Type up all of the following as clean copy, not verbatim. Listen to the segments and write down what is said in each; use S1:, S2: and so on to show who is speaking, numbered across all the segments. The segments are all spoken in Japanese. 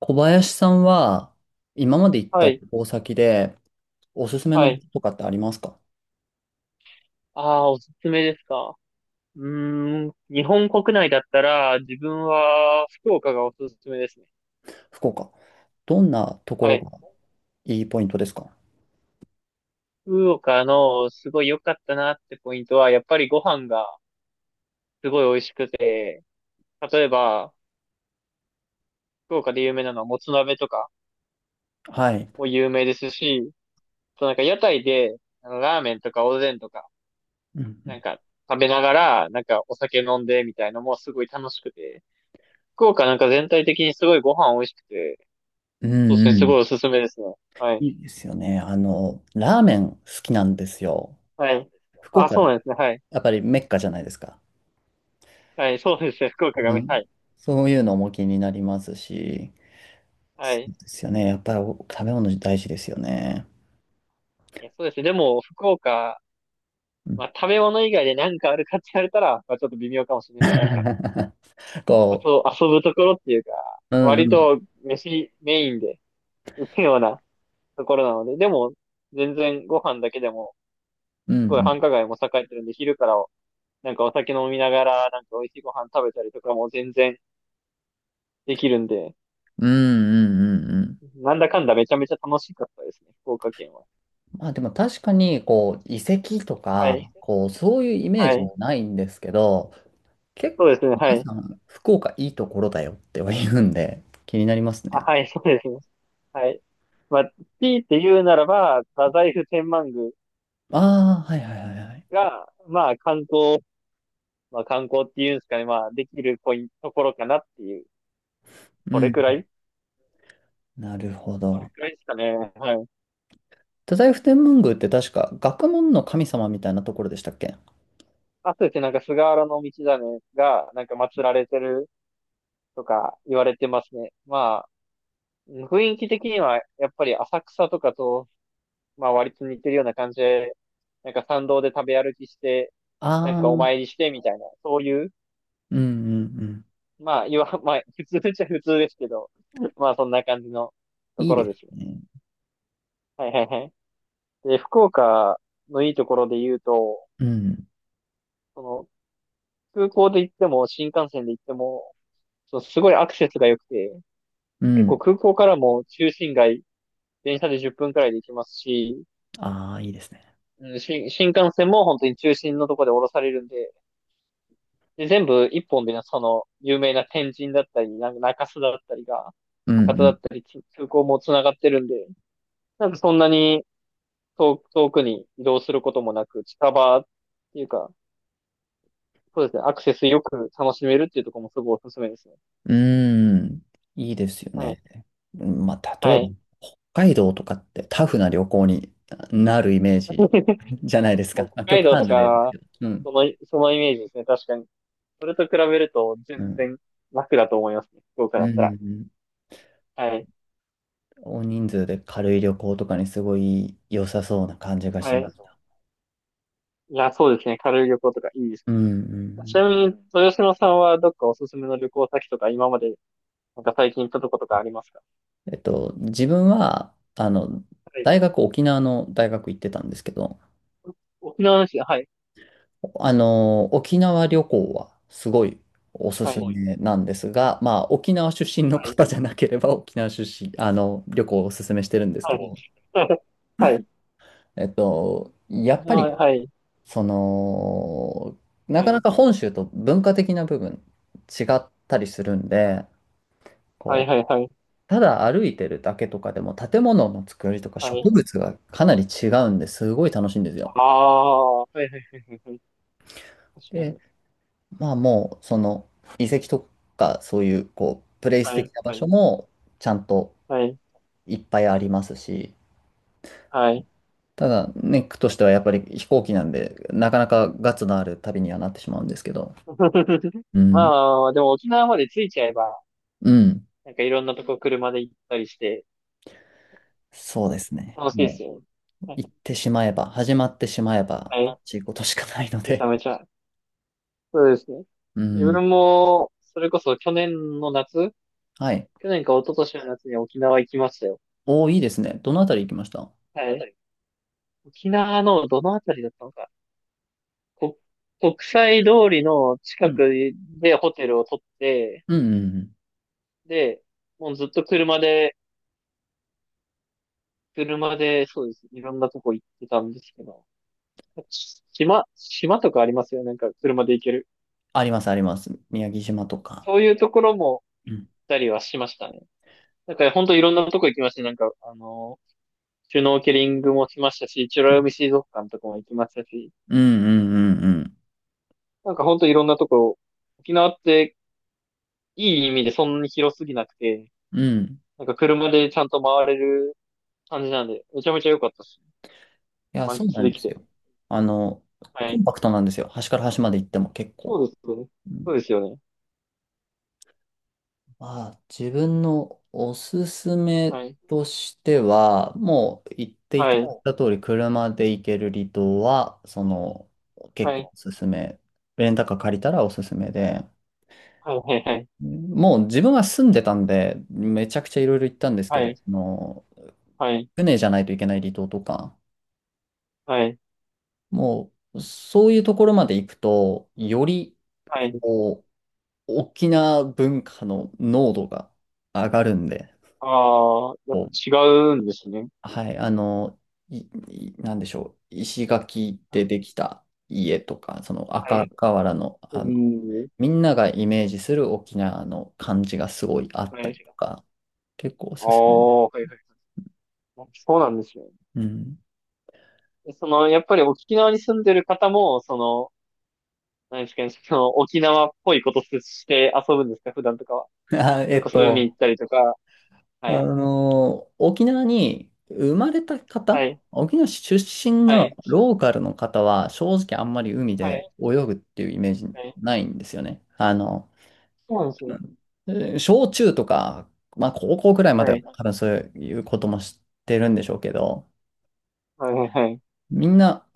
S1: 小林さんは、今まで行っ
S2: は
S1: た旅
S2: い、
S1: 行先で、おすすめ
S2: は
S1: の場
S2: い。
S1: 所とかってありますか？
S2: ああ、おすすめですか。う日本国内だったら、自分は福岡がおすすめですね。
S1: 福岡。どんなとこ
S2: は
S1: ろ
S2: い。
S1: がいいポイントですか？
S2: 福岡のすごい良かったなってポイントは、やっぱりご飯がすごい美味しくて、例えば、福岡で有名なのはもつ鍋とか
S1: はい。
S2: も有名ですし、あとなんか屋台で、あのラーメンとかおでんとか、
S1: うんう
S2: な
S1: ん。
S2: んか食べながら、なんかお酒飲んでみたいのもすごい楽しくて、福岡なんか全体的にすごいご飯美味しくて、
S1: う
S2: そうで
S1: ん
S2: すね、
S1: う
S2: すご
S1: ん。
S2: いおすすめですね。はい。
S1: いいですよね。あの、ラーメン好きなんですよ。
S2: はそうい。
S1: 福
S2: あ、
S1: 岡、
S2: そうなんですね。はい。
S1: やっぱりメッカじゃないですか。
S2: はい、そうですね、福岡が
S1: う
S2: は
S1: ん。
S2: い。
S1: そういうのも気になりますし、
S2: は
S1: そう
S2: い。
S1: ですよね。やっぱりお食べ物大事ですよね。
S2: いや、そうですね。でも、福岡、
S1: うん。
S2: まあ、食べ物以外で何かあるかって言われたら、まあ、ちょっと微妙かもしれないですね。なんか、まあ
S1: こ
S2: と、遊ぶところっていうか、
S1: う、う
S2: 割
S1: んうん。
S2: と飯メインで行くようなところなので、でも、全然ご飯だけでも、
S1: うんう
S2: すごい
S1: ん。
S2: 繁華街も栄えてるんで、昼からなんかお酒飲みながら、なんか美味しいご飯食べたりとかも全然できるんで、
S1: うんうんうんうん。
S2: なんだかんだめちゃめちゃ楽しかったですね、福岡県は。
S1: まあでも確かに、こう、遺跡と
S2: はい。
S1: か、こう、そういうイメー
S2: は
S1: ジは
S2: い。
S1: ないんですけど、結
S2: そうで
S1: 構
S2: すね。は
S1: 皆
S2: い。
S1: さん、福岡いいところだよっては言うんで、気になります
S2: あ、
S1: ね。
S2: はい。そうですね。はい。まあ、強いて言うならば、太宰府天満宮
S1: ああ、はいはいはいはい。
S2: が、まあ、観光、まあ、観光っていうんですかね。まあ、できるポイント、ところかなっていう。
S1: う
S2: それくら
S1: ん。
S2: い
S1: なるほ
S2: それ
S1: ど。
S2: くらいですかね。はい。
S1: 太宰府天満宮って確か学問の神様みたいなところでしたっけ？
S2: あとですね、なんか菅原道真が、なんか祀られてるとか言われてますね。まあ、雰囲気的には、やっぱり浅草とかとまあ割と似てるような感じで、なんか参道で食べ歩きして、なん
S1: ああ
S2: かお
S1: ー、
S2: 参りしてみたいな、そういう、
S1: うんうんうん。
S2: まあ、まあ、普通っちゃ普通ですけど、まあそんな感じのと
S1: いい
S2: ころ
S1: で
S2: で
S1: す
S2: すね。
S1: ね。
S2: はいはいはい。で、福岡のいいところで言うと、
S1: うん。
S2: その空港で行っても新幹線で行っても、そのすごいアクセスが良くて、
S1: う
S2: 結
S1: ん。
S2: 構空港からも中心街、電車で10分くらいで行きますし、
S1: ああ、いいですね。
S2: うん、新幹線も本当に中心のところで降ろされるんで、で、全部一本でね、その、有名な天神だったり、なんか中洲だったりが、
S1: うん
S2: 博多
S1: う
S2: だ
S1: ん。
S2: ったり、空港も繋がってるんで、なんかそんなに遠くに移動することもなく、近場っていうか、そうですね、アクセスよく楽しめるっていうところもすごいおすすめですね。
S1: うーん、いいですよ
S2: はい。
S1: ね。うんまあ、例
S2: は
S1: えば、
S2: い。
S1: 北海道とかってタフな旅行になるイメージ じゃないですか。
S2: 北
S1: まあ、極
S2: 海道と
S1: 端な例です
S2: か、
S1: けど。うん。
S2: その、そのイメージですね、確かに。それと比べると
S1: う
S2: 全
S1: ん。
S2: 然楽だと思いますね、福岡
S1: うん。
S2: だったら。
S1: うん。
S2: はい。
S1: 大人数で軽い旅行とかにすごい良さそうな感じがし
S2: は
S1: ま
S2: い。
S1: す。
S2: いや、そうですね、軽い旅行とかいいです
S1: うん。う
S2: ね。ち
S1: ん。
S2: なみに、豊島さんはどっかおすすめの旅行先とか、今まで、なんか最近行ったとことかありますか。
S1: 自分は、あの、
S2: はい。
S1: 大学、沖縄の大学行ってたんですけど、
S2: 沖縄の話、はい、
S1: あの、沖縄旅行はすごいおす
S2: はい、
S1: す
S2: もう、
S1: めなんですが、まあ、沖縄出身の
S2: はい、
S1: 方じゃなければ、沖縄出身、あの、旅行をおすすめしてるんです
S2: あ、は
S1: け
S2: い、
S1: ど、
S2: もう、はい、
S1: や
S2: 沖
S1: っぱり、
S2: 縄、はい、
S1: その、な
S2: は
S1: かな
S2: い、
S1: か本州と文化的な部分違ったりするんで、
S2: はい、
S1: こう、
S2: はい、はい、
S1: ただ歩いてるだけとかでも建物の作りとか
S2: はい、
S1: 植
S2: 今の、
S1: 物がかなり違うんですごい楽しいんですよ。
S2: ああ、はい、はい、はい、
S1: でまあもう、その、遺跡とか、そういう、こう、プレイス
S2: はいはいは
S1: 的
S2: い
S1: な場
S2: はいはい
S1: 所
S2: 沖
S1: も、ちゃん
S2: 縄はいはいはいはいはいはいああはいはいはいはいはい確かに、はい、
S1: と
S2: はい、はい、
S1: いっぱいありますし、
S2: はい。
S1: ただね、ネックとしてはやっぱり飛行機なんで、なかなかガッツのある旅にはなってしまうんですけど、う
S2: まあ、
S1: ん、
S2: まあまあでも沖縄まで着いちゃえば、
S1: うん、
S2: なんかいろんなとこ車で行ったりして、
S1: そうですね。
S2: 楽しいです
S1: も
S2: よね。
S1: う、
S2: は
S1: 行ってしまえば、始まってしまえば、
S2: い、はい、
S1: ちいことしかないの
S2: めちゃ
S1: で、
S2: めちゃ。そうですね。
S1: う
S2: 自
S1: ん、
S2: 分も、それこそ去年の夏
S1: はい。
S2: 去年か一昨年の夏に沖縄行きましたよ。
S1: おー、いいですね。どのあたり行きました？
S2: はい。沖縄のどのあたりだったのか。こ、国際通りの
S1: う
S2: 近
S1: ん、
S2: くでホテルを取って、
S1: うん、うんうん。
S2: で、もうずっと車で、そうです。いろんなとこ行ってたんですけど。島とかありますよね。なんか車で行ける。
S1: あります、あります。宮城島とか。
S2: そういうところも
S1: う
S2: 行っ
S1: ん、
S2: たりはしましたね。なんか本当いろんなとこ行きました。なんか、あのシュノーケリングもしましたし、美
S1: う
S2: ら
S1: ん、
S2: 海水族館とかも行きましたし、
S1: うん、うん、うん。
S2: なんかほんといろんなとこ、沖縄っていい意味でそんなに広すぎなくて、
S1: うん。
S2: なんか車でちゃんと回れる感じなんで、めちゃめちゃ良かったし、
S1: いや、
S2: 満
S1: そうな
S2: 喫
S1: ん
S2: で
S1: で
S2: き
S1: す
S2: て。
S1: よ。あの、
S2: は
S1: コ
S2: い。
S1: ンパクトなんですよ。端から端まで行っても結
S2: そ
S1: 構。
S2: うですよね。
S1: う
S2: そう
S1: ん。
S2: ですよね。
S1: まあ、自分のおすすめ
S2: はい。
S1: としては、もう言ってい
S2: は
S1: ただい
S2: い。
S1: た通り、車で行ける離島は、その、結
S2: は
S1: 構
S2: い。
S1: おすすめ。レンタカー借りたらおすすめで、
S2: はい。はい。
S1: もう自分は住んでたんで、めちゃくちゃいろいろ行ったんですけ
S2: は
S1: ど、
S2: い。
S1: あの、
S2: はい。
S1: 船じゃないといけない離島とか、
S2: はい。
S1: もう、そういうところまで行くと、より、
S2: はい。
S1: こう、沖縄文化の濃度が上がるんで、
S2: ああー、や
S1: こ
S2: っぱ
S1: う、
S2: 違うんですね。
S1: はい、あの、い、いなんでしょう、石垣
S2: は
S1: で
S2: い。
S1: できた家とか、その
S2: は
S1: 赤
S2: い。
S1: 瓦の、
S2: う
S1: あの、
S2: ーん。
S1: みんながイメージする沖縄の感じがすごいあっ
S2: は
S1: たり
S2: い。
S1: とか、結構お
S2: あ
S1: すすめです。
S2: あ、はいはいはい。そうなんですよ。
S1: うん。
S2: その、やっぱり沖縄に住んでる方も、その、何ですかね、その、沖縄っぽいことして遊ぶんですか、普段とかは。
S1: あ、
S2: それこそ海行ったりとか。は
S1: あ
S2: い。
S1: の、沖縄に生まれた
S2: は
S1: 方、
S2: い。
S1: 沖縄市出身
S2: は
S1: の
S2: い。
S1: ローカルの方は、正直あんまり海
S2: は
S1: で
S2: い。
S1: 泳ぐっていうイメージ
S2: はい。
S1: ないんですよね。あの、
S2: そうなんですね。
S1: えー小中とか、まあ高校くらいまで
S2: は
S1: は
S2: い。は
S1: 多分そういうことも知ってるんでしょうけど、
S2: い。はい。
S1: みんな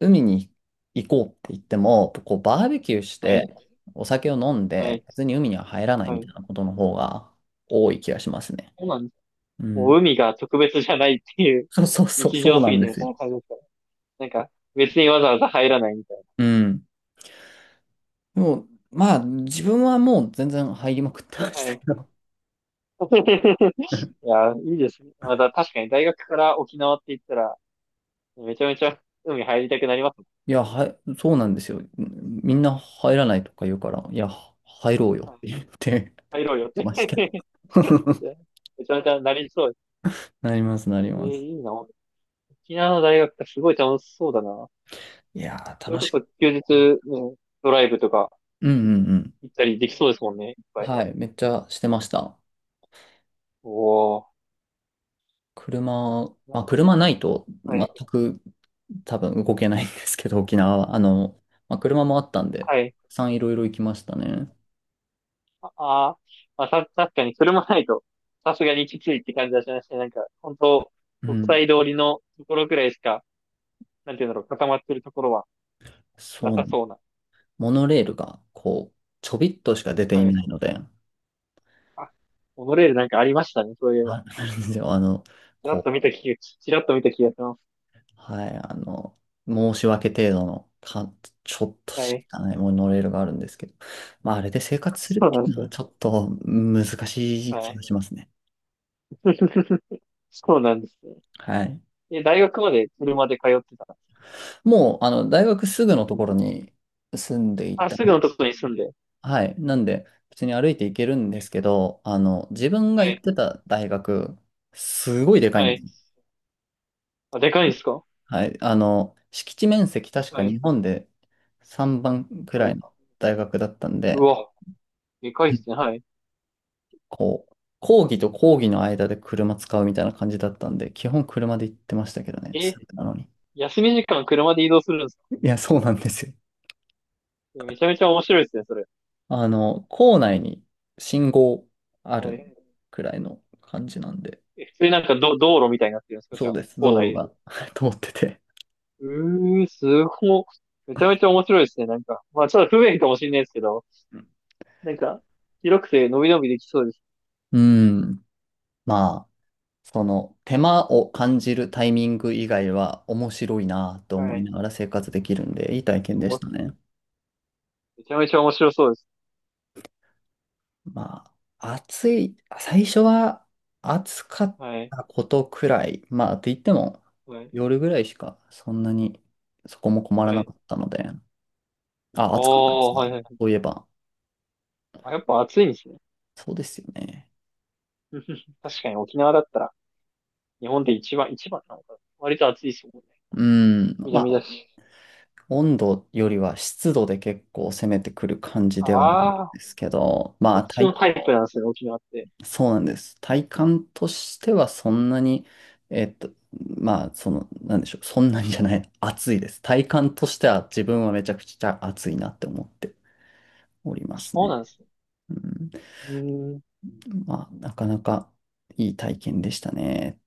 S1: 海に行こうって言っても、こうバーベキューし
S2: はい。
S1: てお酒を飲ん
S2: は
S1: で、
S2: い。
S1: 別に海には入らない
S2: は
S1: みた
S2: い。
S1: いなことの方が多い気がしますね。
S2: そうなんです。
S1: う
S2: もう
S1: ん。
S2: 海が特別じゃないっていう、
S1: そうそうそう、
S2: 日
S1: そ
S2: 常
S1: う
S2: す
S1: な
S2: ぎ
S1: ん
S2: て
S1: で
S2: み
S1: す
S2: たい
S1: よ。
S2: な感じですからなんか、別にわざわざ入らないみたい
S1: うん。でも、まあ、自分はもう全然入りまくってま
S2: な。
S1: し
S2: は
S1: たけ
S2: い。
S1: ど。
S2: い や、いいですね。また確かに大学から沖縄って言ったら、めちゃめちゃ海入りたくなります。
S1: いや、はい、そうなんですよ。みんな入らないとか言うから、いや、入ろうよって言って
S2: 入ろうよって
S1: ました けど。
S2: めちゃめちゃなりそうです。
S1: なります、なり
S2: え
S1: ま
S2: えい
S1: す。
S2: いな。沖縄の大学ってすごい楽しそうだな。
S1: いやー、
S2: それ
S1: 楽
S2: こ
S1: しく。
S2: そ休日、ね、ドライブとか
S1: うん
S2: い
S1: うんうん。
S2: 行ったりできそうですもんね、いっぱい。
S1: はい、めっちゃしてました。
S2: おお。
S1: 車、
S2: なん
S1: まあ、
S2: かいい
S1: 車ないと全
S2: は
S1: く多分動けないんですけど、沖縄は。あの、まあ、車もあったんで、た
S2: い。はい。
S1: くさんいろいろ行きましたね。
S2: ああー、まあ、確かにそれもないと、さすがにきついって感じはしましたね。なんか、本当
S1: う
S2: 国
S1: ん、
S2: 際通りのところくらいしか、なんていうんだろう、固まってるところはな
S1: そう。
S2: さそうな。
S1: モノレールが、こう、ちょびっとしか出てい
S2: はい、
S1: ない
S2: そう。
S1: ので、
S2: あ、モノレールなんかありましたね、そういえば。
S1: あ、なんですよ、あの、
S2: ちらっ
S1: こ
S2: と
S1: う、
S2: 見た気が、ちらっと見た気がします。
S1: はい、あの、申し訳程度の、か、ちょっと
S2: は
S1: し
S2: い。
S1: かないモノレールがあるんですけど、まあ、あれで生 活するっ
S2: そう
S1: てい
S2: なんで
S1: う
S2: す
S1: のは
S2: ね。
S1: ちょっと難しい
S2: は
S1: 気
S2: い。
S1: がしますね。
S2: そうなんですね。
S1: はい。
S2: え、大学まで車で通ってた。
S1: もう、あの、大学すぐ
S2: う
S1: のところ
S2: ん
S1: に住んでい
S2: あ、
S1: た。
S2: すぐのとこに住んで。
S1: はい。なんで、普通に歩いて行けるんですけど、あの、自分が
S2: は
S1: 行っ
S2: い。
S1: てた大学、すごいでかい
S2: は
S1: んで
S2: い。
S1: す。
S2: あ、でかいんですか。
S1: はい。あの、敷地面積確か
S2: はい。
S1: 日本で3番く
S2: は
S1: らい
S2: い。
S1: の大学だったん
S2: う
S1: で、
S2: わ、でかいっすね。はい。
S1: こう、講義と講義の間で車使うみたいな感じだったんで、基本車で行ってましたけどね、
S2: え、
S1: すぐなのに。
S2: 休み時間車で移動するんですか。
S1: いや、そうなんですよ。
S2: えめちゃめちゃ面白いですね、それ。
S1: あの、校内に信号あ
S2: は
S1: る
S2: い。
S1: くらいの感じなんで、
S2: え、普通になんか道路みたいになってるんですかじ
S1: そ
S2: ゃ
S1: う
S2: あ、
S1: です、
S2: 校
S1: 道
S2: 内
S1: 路
S2: で。
S1: が 通ってて。
S2: うー、すご。めちゃめちゃ面白いですね、なんか。まあ、ちょっと不便かもしれないですけど、なんか、広くて伸び伸びできそうです。
S1: うん。まあその手間を感じるタイミング以外は面白いなと
S2: は
S1: 思い
S2: い。
S1: ながら生活できるんで、いい体験でしたね。
S2: めちゃめちゃ面白そうです。
S1: まあ、暑い、最初は暑かっ
S2: はい。
S1: たことくらい、まあ、って言っても
S2: はい。
S1: 夜ぐらいしかそんなにそこも困ら
S2: は
S1: な
S2: い。
S1: かったので、あ、暑かったで
S2: お
S1: す
S2: ー、は
S1: か？
S2: いはいはい。
S1: そういえば。
S2: あ、やっぱ暑いんですね。
S1: そうですよね。
S2: 確かに沖縄だったら、日本で一番なのかな。割と暑いですもんね。
S1: うん、ま
S2: 南
S1: あ、
S2: だし。
S1: 温度よりは湿度で結構攻めてくる感じではあるん
S2: ああ、
S1: ですけど、ま
S2: そ
S1: あ、
S2: っち
S1: 体
S2: のタイプなんですね、沖縄って。
S1: そうなんです。体感としてはそんなに、えっと、まあ、その、なんでしょう、そんなにじゃない、暑いです。体感としては自分はめちゃくちゃ暑いなって思っております
S2: そう
S1: ね。
S2: なんですね。
S1: うん、
S2: うーん。
S1: まあ、なかなかいい体験でしたね。